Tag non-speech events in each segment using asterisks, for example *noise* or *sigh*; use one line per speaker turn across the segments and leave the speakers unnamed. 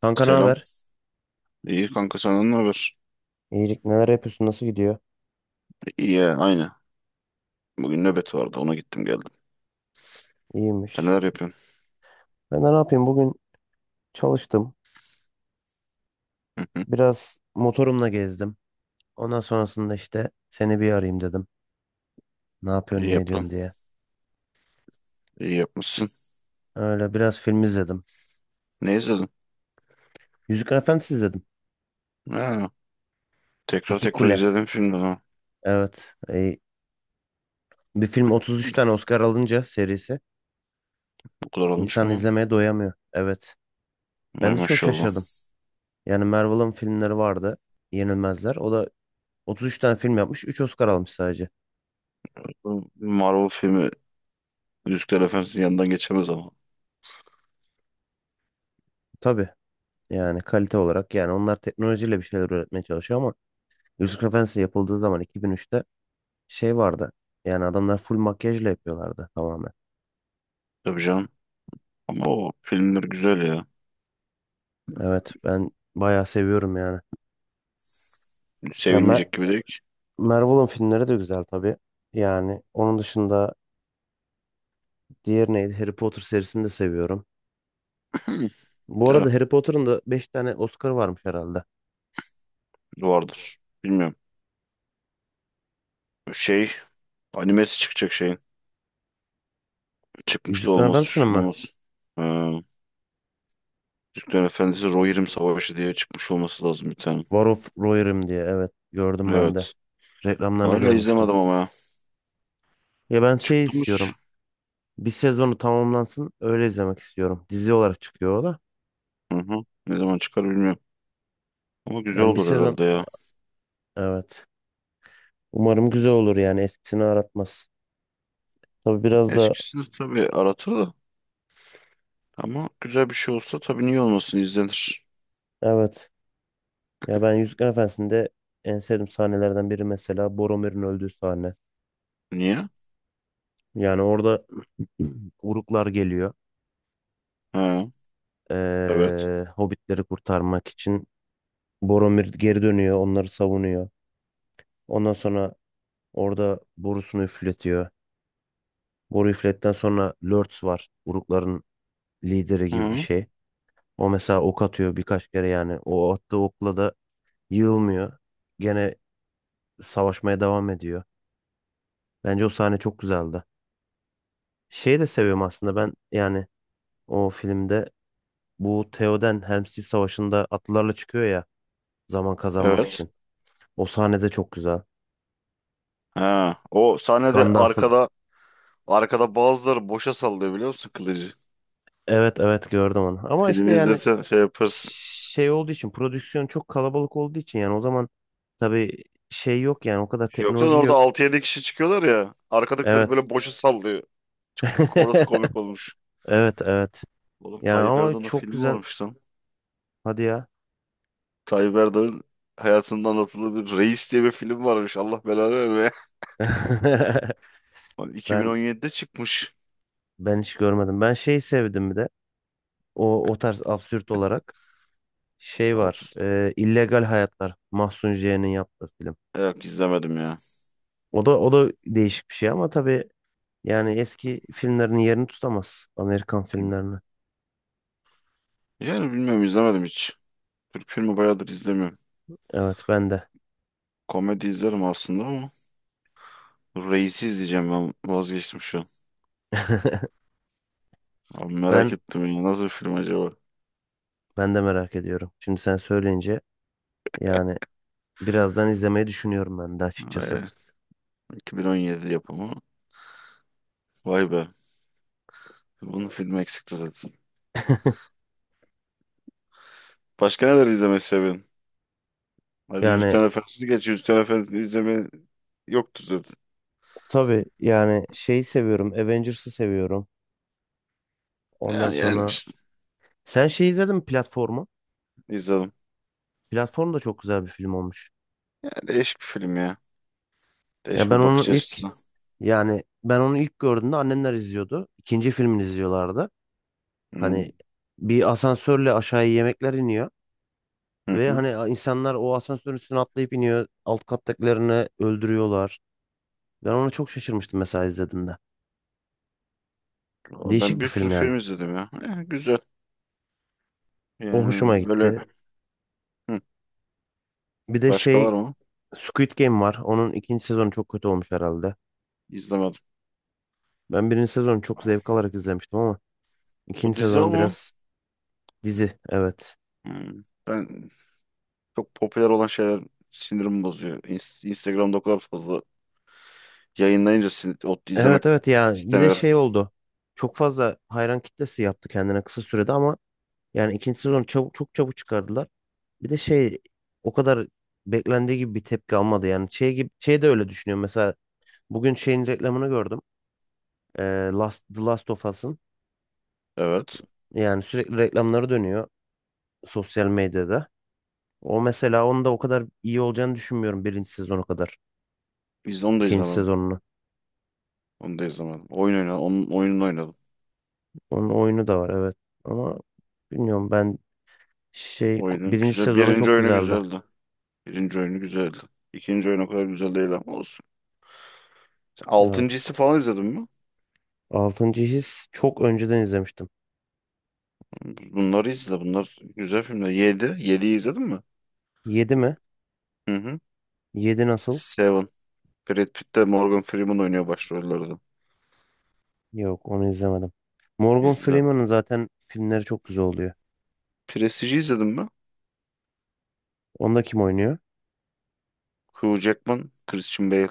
Kanka, ne
Selam.
haber?
İyi kanka senden ne haber?
İyilik, neler yapıyorsun? Nasıl gidiyor?
İyi ya, aynı. Bugün nöbet vardı ona gittim geldim. Sen
İyiymiş.
neler yapıyorsun?
Ben de ne yapayım? Bugün çalıştım.
Hı hı.
Biraz motorumla gezdim. Ondan sonrasında işte seni bir arayayım dedim. Ne yapıyorsun,
İyi
ne
yaptın.
ediyorsun diye.
İyi yapmışsın.
Öyle biraz film izledim.
Ne izledin?
Yüzükler Efendisi izledim.
Ha, tekrar
İki
tekrar
Kule.
izledim filmden ha.
Evet. Bir film 33 tane Oscar alınca serisi
Bu kadar olmuş
insan
mu lan?
izlemeye doyamıyor. Evet.
Vay
Ben de çok
maşallah.
şaşırdım. Yani Marvel'ın filmleri vardı. Yenilmezler. O da 33 tane film yapmış. Üç Oscar almış sadece.
Bu Marvel filmi Yüzükler Efendisi'nin yanından geçemez ama.
Tabii. Yani kalite olarak, yani onlar teknolojiyle bir şeyler üretmeye çalışıyor ama Yusuf Efendisi yapıldığı zaman, 2003'te, şey vardı. Yani adamlar full makyajla yapıyorlardı tamamen.
Tabii canım. Ama o filmler güzel ya.
Evet, ben bayağı seviyorum yani. Ya Ma-
Sevilmeyecek gibi değil ki.
Marvel'ın filmleri de güzel tabii. Yani onun dışında diğer neydi? Harry Potter serisini de seviyorum.
*clears throat* Hı,
Bu
eh,
arada Harry Potter'ın da 5 tane Oscar varmış herhalde.
vardır. Bilmiyorum. Şey animesi çıkacak şeyin. Çıkmış da
Yüzüklerin
olmaz.
Efendisi'nin mi?
Olmaz. Türklerin Efendisi Rohirrim Savaşı diye çıkmış olması lazım bir tane.
War of Rohirrim diye, evet, gördüm ben de.
Evet.
Reklamlarını
Hala
görmüştüm.
izlemedim ama ya.
Ya ben şey
Çıkmış.
istiyorum. Bir sezonu tamamlansın. Öyle izlemek istiyorum. Dizi olarak çıkıyor o da.
Hı hı. Ne zaman çıkar bilmiyorum. Ama güzel
Yani bir
olur
sezon,
herhalde ya.
evet. Umarım güzel olur, yani eskisini aratmaz. Tabii biraz da
Eskisini tabii aratır da. Ama güzel bir şey olsa tabii niye olmasın izlenir.
evet. Ya ben Yüzükler Efendisi'nde en sevdiğim sahnelerden biri mesela Boromir'in öldüğü sahne.
Niye?
Yani orada *clears throat* Uruklar geliyor.
Ha, evet.
Hobbitleri kurtarmak için Boromir geri dönüyor, onları savunuyor. Ondan sonra orada borusunu üfletiyor. Boru üfletten sonra Lurtz var. Urukların lideri gibi bir
Hı,
şey. O mesela ok atıyor birkaç kere yani. O attığı okla da yığılmıyor. Gene savaşmaya devam ediyor. Bence o sahne çok güzeldi. Şeyi de seviyorum aslında ben, yani o filmde bu Theoden Helm's Deep Savaşı'nda atlılarla çıkıyor ya, zaman kazanmak
evet.
için. O sahne de çok güzel.
Ha, o sahnede
Gandalf'ın,
arkada bazıları boşa sallıyor biliyor musun kılıcı?
evet evet, gördüm onu. Ama işte
Filmi
yani
izlesen şey yaparsın.
şey olduğu için, prodüksiyon çok kalabalık olduğu için, yani o zaman tabii şey yok, yani o kadar
Yoksa
teknoloji
orada
yok.
6-7 kişi çıkıyorlar ya. Arkadakileri
Evet.
böyle boşa sallıyor. Çok orası komik olmuş.
*laughs* Evet, evet.
Oğlum
Yani
Tayyip
ama
Erdoğan'ın
çok
filmi
güzel.
varmış lan.
Hadi ya.
Tayyip Erdoğan'ın hayatında anlatılı bir Reis diye bir film varmış. Allah belanı vermeye.
*laughs*
*laughs* Bak
Ben
2017'de çıkmış.
ben hiç görmedim. Ben şey sevdim bir de. O o tarz absürt olarak şey var.
Hapus.
İllegal Hayatlar. Mahsun J'nin yaptığı film.
Yok izlemedim ya.
O da değişik bir şey ama tabii, yani eski filmlerin yerini tutamaz. Amerikan
Hı.
filmlerini.
Yani bilmiyorum izlemedim hiç. Türk filmi bayağıdır izlemiyorum.
Evet, ben de.
Komedi izlerim aslında ama Reis'i izleyeceğim ben vazgeçtim şu an.
*laughs*
Abi merak
Ben
ettim ya nasıl bir film acaba?
ben de merak ediyorum. Şimdi sen söyleyince, yani birazdan izlemeyi düşünüyorum ben de açıkçası.
Evet, 2017 yapımı. Vay be. Bunun filmi eksikti zaten.
*laughs*
Başka neler izlemeyi seviyorsun? Hadi
Yani
Yüzüklerin Efendisi'ni geç. Yüzüklerin Efendisi'ni izleme yoktu zaten.
tabii, yani şeyi seviyorum. Avengers'ı seviyorum. Ondan
Ya yani
sonra
işte
sen şey izledin mi, platformu?
izledim.
Platform da çok güzel bir film olmuş.
Ya değişik bir film ya.
Ya
Değişik
ben
bir
onu
bakış
ilk
açısı.
ben onu ilk gördüğümde annemler izliyordu. İkinci filmini izliyorlardı.
Hı
Hani bir asansörle aşağıya yemekler iniyor
hı.
ve
Hı.
hani insanlar o asansörün üstüne atlayıp iniyor. Alt kattakilerini öldürüyorlar. Ben ona çok şaşırmıştım mesela izlediğimde.
Valla ben
Değişik bir
bir sürü
film yani.
film izledim ya. Ya güzel.
O hoşuma
Yani böyle
gitti.
hı.
Bir de
Başka
şey,
var mı?
Squid Game var. Onun ikinci sezonu çok kötü olmuş herhalde.
İzlemedim.
Ben birinci sezonu çok zevk alarak izlemiştim ama
O
ikinci
dizi
sezon
ama
biraz... Dizi, evet.
hı. Ben çok popüler olan şeyler sinirimi bozuyor. Instagram'da o kadar fazla yayınlayınca o izlemek
Evet evet, yani bir de
istemiyorum.
şey oldu. Çok fazla hayran kitlesi yaptı kendine kısa sürede ama yani ikinci sezonu çabuk, çok çabuk çıkardılar. Bir de şey, o kadar beklendiği gibi bir tepki almadı yani. Şey gibi, şey de öyle düşünüyorum. Mesela bugün şeyin reklamını gördüm. Ee, The Last of Us'ın,
Evet.
yani sürekli reklamları dönüyor sosyal medyada. O mesela, onun da o kadar iyi olacağını düşünmüyorum birinci sezonu kadar.
Onu da
İkinci
izlemedim.
sezonunu.
Onu da izlemedim. Oyun oynadım. Onun oyununu oynadım.
Onun oyunu da var, evet. Ama bilmiyorum ben. Şey
Oyunun
birinci
güzel.
sezonu
Birinci
çok
oyunu
güzeldi.
güzeldi. Birinci oyunu güzeldi. İkinci oyun o kadar güzel değil ama olsun. Sen
Evet.
Altıncısı falan izledin mi?
Altıncı His çok önceden izlemiştim.
Bunları izle. Bunlar güzel filmler. Yedi. Yediyi izledin mi?
Yedi mi?
Hı hı.
Yedi nasıl?
Seven. Brad Pitt de Morgan Freeman oynuyor başrollerde.
Yok, onu izlemedim. Morgan
İzle.
Freeman'ın zaten filmleri çok güzel oluyor.
Prestige'i izledin mi?
Onda kim oynuyor?
Hugh Jackman, Christian Bale.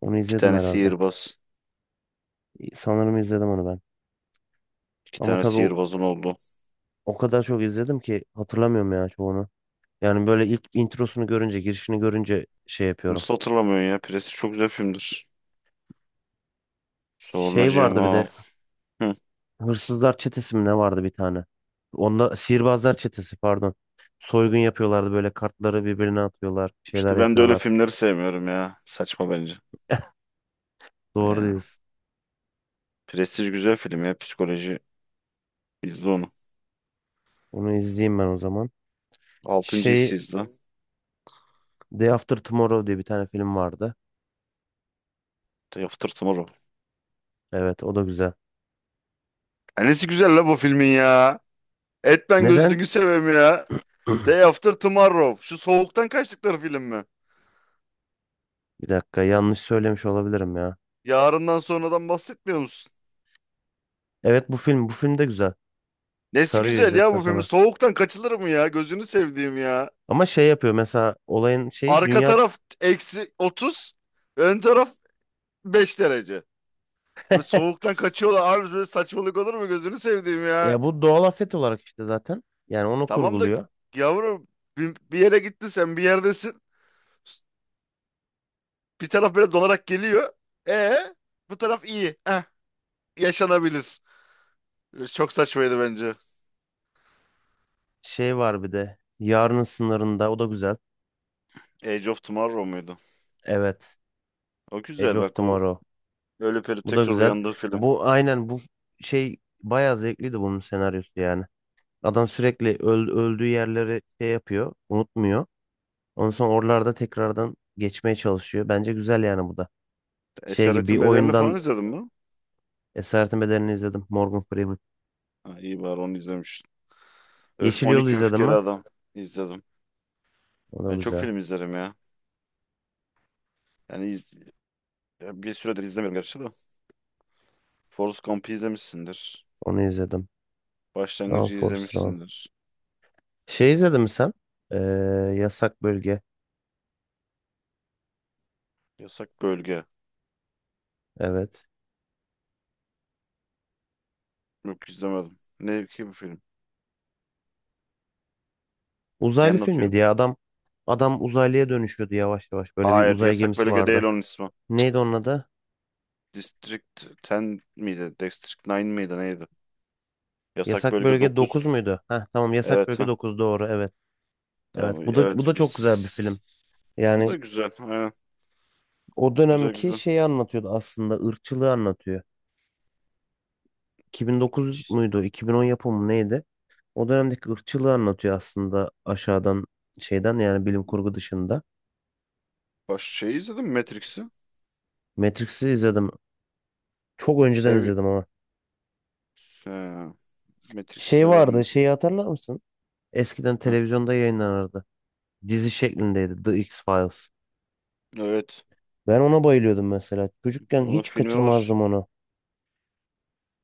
Onu
İki
izledim
tane
herhalde.
sihirbaz.
Sanırım izledim onu ben.
İki
Ama
tane
tabii o,
sihirbazın oldu.
o kadar çok izledim ki hatırlamıyorum ya çoğunu. Yani böyle ilk introsunu görünce, girişini görünce şey yapıyorum.
Nasıl hatırlamıyorsun ya? Prestige çok güzel filmdir.
Şey
Sonracığım
vardı bir
ha.
de,
Hı.
Hırsızlar çetesi mi ne vardı bir tane? Onda sihirbazlar çetesi, pardon. Soygun yapıyorlardı böyle, kartları birbirine atıyorlar, şeyler
İşte ben de öyle
yapıyorlar.
filmleri sevmiyorum ya. Saçma bence.
Doğru
Yani.
diyorsun.
Prestige güzel film ya. Psikoloji. İzle onu.
Onu izleyeyim ben o zaman.
Altıncı
Şey,
hissizdi.
Day After Tomorrow diye bir tane film vardı.
Day After Tomorrow.
Evet, o da güzel.
Nesi güzel la bu filmin ya. Etmen
Neden?
gözünü seveyim ya.
*clears throat*
Day After Tomorrow. Şu soğuktan kaçtıkları film mi?
Bir dakika, yanlış söylemiş olabilirim ya.
Yarından sonradan bahsetmiyor musun?
Evet, bu film de güzel.
Nesi
Sarıyor
güzel ya
izledikten
bu filmin.
sonra.
Soğuktan kaçılır mı ya? Gözünü sevdiğim ya.
Ama şey yapıyor mesela, olayın şeyi,
Arka
dünya
taraf eksi 30. Ön taraf 5 derece. Ve
*laughs*
soğuktan kaçıyorlar. Abi böyle saçmalık olur mu? Gözünü sevdiğim ya.
ya, bu doğal afet olarak işte zaten. Yani onu
Tamam da
kurguluyor.
yavrum bir yere gittin sen bir yerdesin. Bir taraf böyle donarak geliyor. E Bu taraf iyi. Yaşanabilir. Çok saçmaydı bence.
Şey var bir de. Yarının Sınırında. O da güzel.
Age of Tomorrow muydu?
Evet.
O
Edge
güzel
of
bak o
Tomorrow.
ölüp ölüp
Bu da
tekrar
güzel.
uyandığı film.
Bu şey, bayağı zevkliydi bunun senaryosu yani. Adam sürekli öldüğü yerleri şey yapıyor. Unutmuyor. Ondan sonra oralarda tekrardan geçmeye çalışıyor. Bence güzel yani bu da. Şey gibi bir
Esaretin Bedeli'ni falan
oyundan.
izledin mi?
Esaretin Bedeli'ni izledim. Morgan Freeman.
Ha, iyi bari onu izlemişsin. Öf,
Yeşil Yol'u
12
izledim
Öfkeli
mi?
Adam izledim.
O da
Ben çok
güzel.
film izlerim ya. Yani ya bir süredir izlemiyorum gerçi de. Forrest Gump'ı izlemişsindir.
Onu izledim. Run
Başlangıcı
Forrest Run.
izlemişsindir.
Şey izledin mi sen? Ee, Yasak Bölge.
Yasak Bölge.
Evet.
Yok izlemedim. Ne ki bu film?
Uzaylı
Yer
filmi
atıyor.
diye, adam uzaylıya dönüşüyordu yavaş yavaş. Böyle bir
Hayır,
uzay
Yasak
gemisi
Bölge değil
vardı.
onun ismi.
Neydi onun adı?
District 10 miydi? District 9 miydi? Neydi? Yasak
Yasak
bölge
Bölge dokuz
9.
muydu? Heh, tamam, Yasak
Evet
Bölge
ha.
dokuz doğru, evet.
Tamam.
Evet, bu da
Evet.
bu da çok güzel bir
Biz...
film.
Bu da
Yani
güzel. Aynen.
o
Güzel
dönemki
güzel.
şeyi anlatıyordu, aslında ırkçılığı anlatıyor. 2009 muydu, 2010 yapımı mı, neydi? O dönemdeki ırkçılığı anlatıyor aslında, aşağıdan şeyden, yani bilim kurgu dışında.
Şey izledim mi Matrix'i.
Matrix'i izledim. Çok önceden
Sev...
izledim ama.
Se- Matrix'i
Şey
severim
vardı,
bak.
şeyi hatırlar mısın? Eskiden
Hı.
televizyonda yayınlanırdı. Dizi şeklindeydi, The X-Files.
Evet.
Ben ona bayılıyordum mesela. Çocukken
Onun
hiç
filmi var.
kaçırmazdım onu.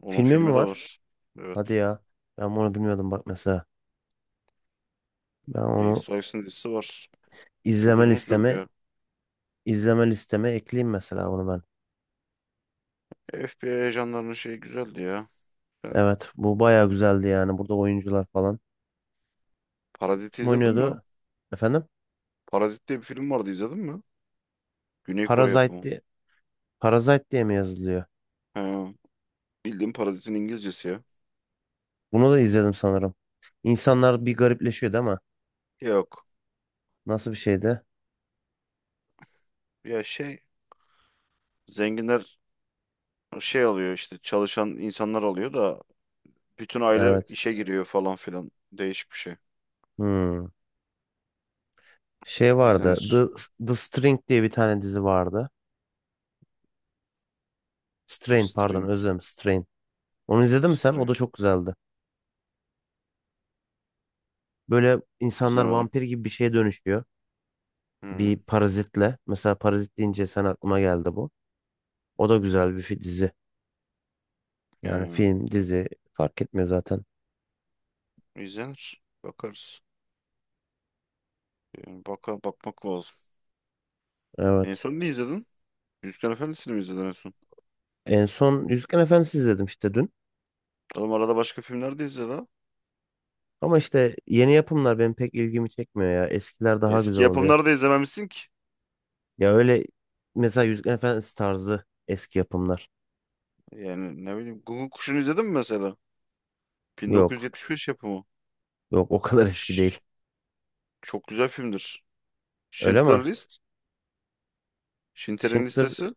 Onun
Filmi mi
filmi de
var?
var.
Hadi
Evet.
ya. Ben onu bilmiyordum bak mesela. Ben
X
onu
Files'in dizisi var. Çok
izleme
uzun sürdü
listeme
ya.
izleme listeme ekleyeyim mesela bunu ben.
FBI ajanlarının şeyi güzeldi ya. Ben
Evet, bu bayağı güzeldi yani. Burada oyuncular falan.
Parazit'i
Kim
izledin mi?
oynuyordu? Efendim?
Parazit diye bir film vardı izledin mi? Güney Kore
Parasite
yapımı.
diye, Parasite diye, mi yazılıyor?
He. Bildiğim parazitin İngilizcesi ya.
Bunu da izledim sanırım. İnsanlar bir garipleşiyordu ama
Yok.
nasıl bir şeydi?
Ya şey zenginler şey alıyor işte çalışan insanlar alıyor da bütün aile
Evet.
işe giriyor falan filan. Değişik bir şey.
Hmm. Şey vardı.
İzlenir.
The String diye bir tane dizi vardı.
The
Strain, pardon,
String.
özlem Strain. Onu izledin mi sen? O
String.
da çok güzeldi. Böyle insanlar
İzlemedim.
vampir gibi bir şeye dönüşüyor.
Hı.
Bir parazitle. Mesela parazit deyince sen, aklıma geldi bu. O da güzel bir dizi. Yani
Yani
film, dizi fark etmiyor zaten.
izlenir. Bakarız. Yani bakmak lazım. En
Evet.
son ne izledin? Yüzüklerin Efendisi'ni mi izledin en son?
En son Yüzüklerin Efendisi izledim işte dün.
Oğlum arada başka filmler de izle la.
Ama işte yeni yapımlar benim pek ilgimi çekmiyor ya. Eskiler daha güzel
Eski
oluyor.
yapımları da izlememişsin ki.
Ya öyle, mesela Yüzüklerin Efendisi tarzı eski yapımlar.
Yani ne bileyim Guguk Kuşu'nu izledin mi mesela?
Yok.
1975 yapımı.
Yok, o kadar *laughs*
Şş,
eski değil.
çok güzel filmdir.
Öyle mi?
Schindler List. Schindler'in
Schindler,
listesi.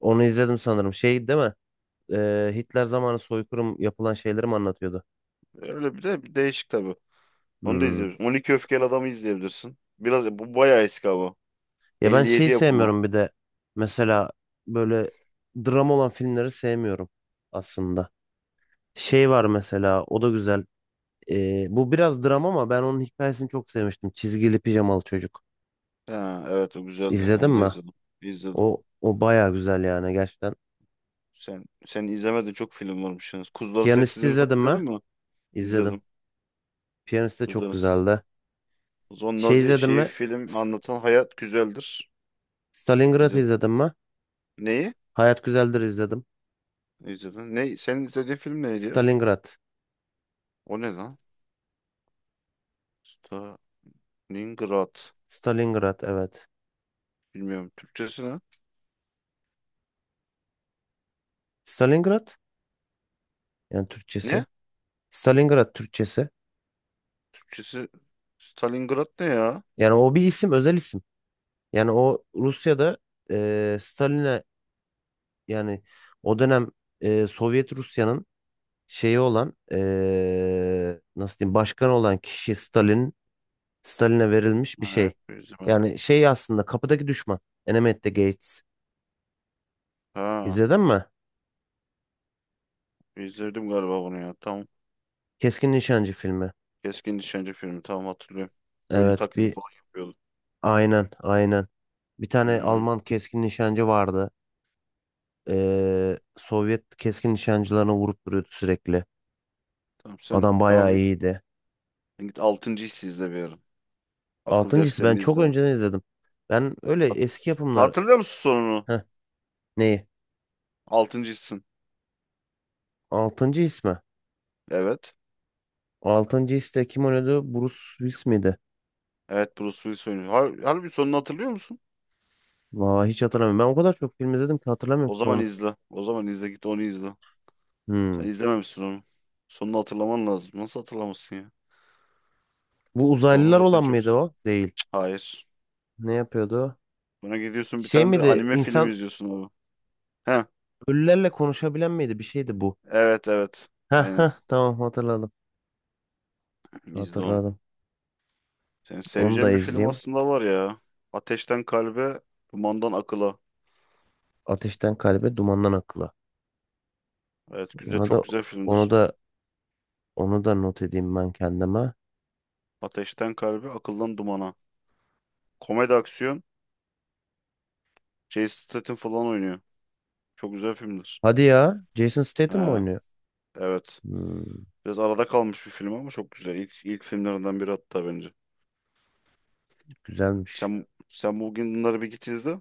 onu izledim sanırım. Şey değil mi? Hitler zamanı soykırım yapılan şeyleri mi anlatıyordu?
Öyle bir de bir değişik tabii. Onu da
Hmm.
izleyebilirsin. 12 Öfkeli Adam'ı izleyebilirsin. Biraz bu bayağı eski abi.
Ya ben
elli
şeyi
yedi yapımı.
sevmiyorum bir de, mesela böyle dram olan filmleri sevmiyorum aslında. Şey var mesela, o da güzel. Bu biraz dram ama ben onun hikayesini çok sevmiştim. Çizgili Pijamalı Çocuk.
Ha, evet o güzeldi.
İzledin
Onu da
mi?
izledim. İzledim.
O o baya güzel yani, gerçekten.
Sen izlemedin çok film varmış yalnız. Kuzuların
Piyanist'i
Sessizliğini falan
izledin mi?
izledin mi?
İzledim.
İzledim.
Piyanist de çok
Kuzuların Sessizliğini.
güzeldi.
O zaman
Şey
Nazi
izledin
şeyi
mi?
film
S-
anlatan hayat güzeldir.
Stalingrad
İzledim.
izledin mi?
Neyi?
Hayat Güzeldir izledim.
İzledin. Ne? Senin izlediğin film neydi ya?
Stalingrad.
O ne lan? Stalingrad.
Stalingrad, evet.
Bilmiyorum. Türkçesi ne?
Stalingrad, yani
Ne?
Türkçesi. Stalingrad Türkçesi.
Türkçesi Stalingrad ne ya?
Yani o bir isim, özel isim. Yani o Rusya'da Stalin'e, yani o dönem, Sovyet Rusya'nın şeyi olan, nasıl diyeyim, başkanı olan kişi Stalin'e verilmiş bir
Ha,
şey.
hep izlemedim.
Yani şey aslında, kapıdaki düşman. Enemy at the Gates.
Ha,
İzledin mi?
bir izledim galiba bunu ya. Tamam.
Keskin Nişancı filmi.
Keskin Nişancı filmi. Tamam hatırlıyorum. Ölü
Evet,
taklidi
bir,
falan yapıyordu.
aynen aynen. Bir tane
Hmm.
Alman keskin nişancı vardı. Sovyet keskin nişancılarına vurup duruyordu sürekli.
Tamam sen
Adam bayağı
abi
iyiydi.
git altıncı hissi izle bir ara. Akıl
Altıncı His ben
defterini
çok
izle.
önceden izledim. Ben öyle
Hat
eski yapımlar...
Hatırlıyor musun sonunu?
Heh, neyi?
Altıncı hissin.
Altıncı His mi?
Evet.
Altıncı His'te kim oynuyordu? Bruce Willis miydi?
Evet Bruce Willis oynuyor. Harbi sonunu hatırlıyor musun?
Vay, hiç hatırlamıyorum. Ben o kadar çok film izledim ki hatırlamıyorum
O
ki
zaman
onu.
izle. O zaman izle git onu izle.
Hmm.
Sen izlememişsin onu. Sonunu hatırlaman lazım. Nasıl hatırlamazsın ya?
Bu
Sonu
uzaylılar
zaten
olan
çok...
mıydı o? Değil.
Hayır.
Ne yapıyordu o?
Buna gidiyorsun bir
Şey
tane de
miydi?
anime film
İnsan
izliyorsun abi. Heh,
ölülerle konuşabilen miydi? Bir şeydi bu.
evet evet.
Heh,
Aynen.
heh, tamam, hatırladım.
İzle onu.
Hatırladım.
Senin
Onu da
seveceğin bir film
izleyeyim.
aslında var ya. Ateşten Kalbe, Dumandan Akıla.
Ateşten Kalbe, Dumandan Akla.
Evet güzel
Onu da
çok güzel
onu
filmdir.
da onu da not edeyim ben kendime.
Ateşten Kalbe, Akıldan Dumana. Komedi aksiyon. Jason Statham falan oynuyor. Çok güzel filmdir.
Hadi ya. Jason Statham mı
He,
oynuyor?
evet.
Hmm,
Biraz arada kalmış bir film ama çok güzel. İlk filmlerinden biri hatta bence.
güzelmiş.
Sen bugün bunları bir git izle.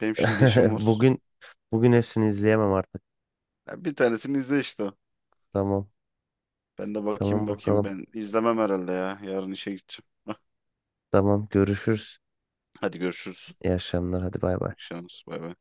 Benim şimdi
*laughs*
işim var.
Bugün bugün hepsini izleyemem artık.
Ya bir tanesini izle işte.
Tamam.
Ben de bakayım
Tamam,
bakayım.
bakalım.
Ben izlemem herhalde ya. Yarın işe gideceğim.
Tamam, görüşürüz.
Hadi görüşürüz.
İyi akşamlar. Hadi, bay bay.
İyi şans. Bay bay.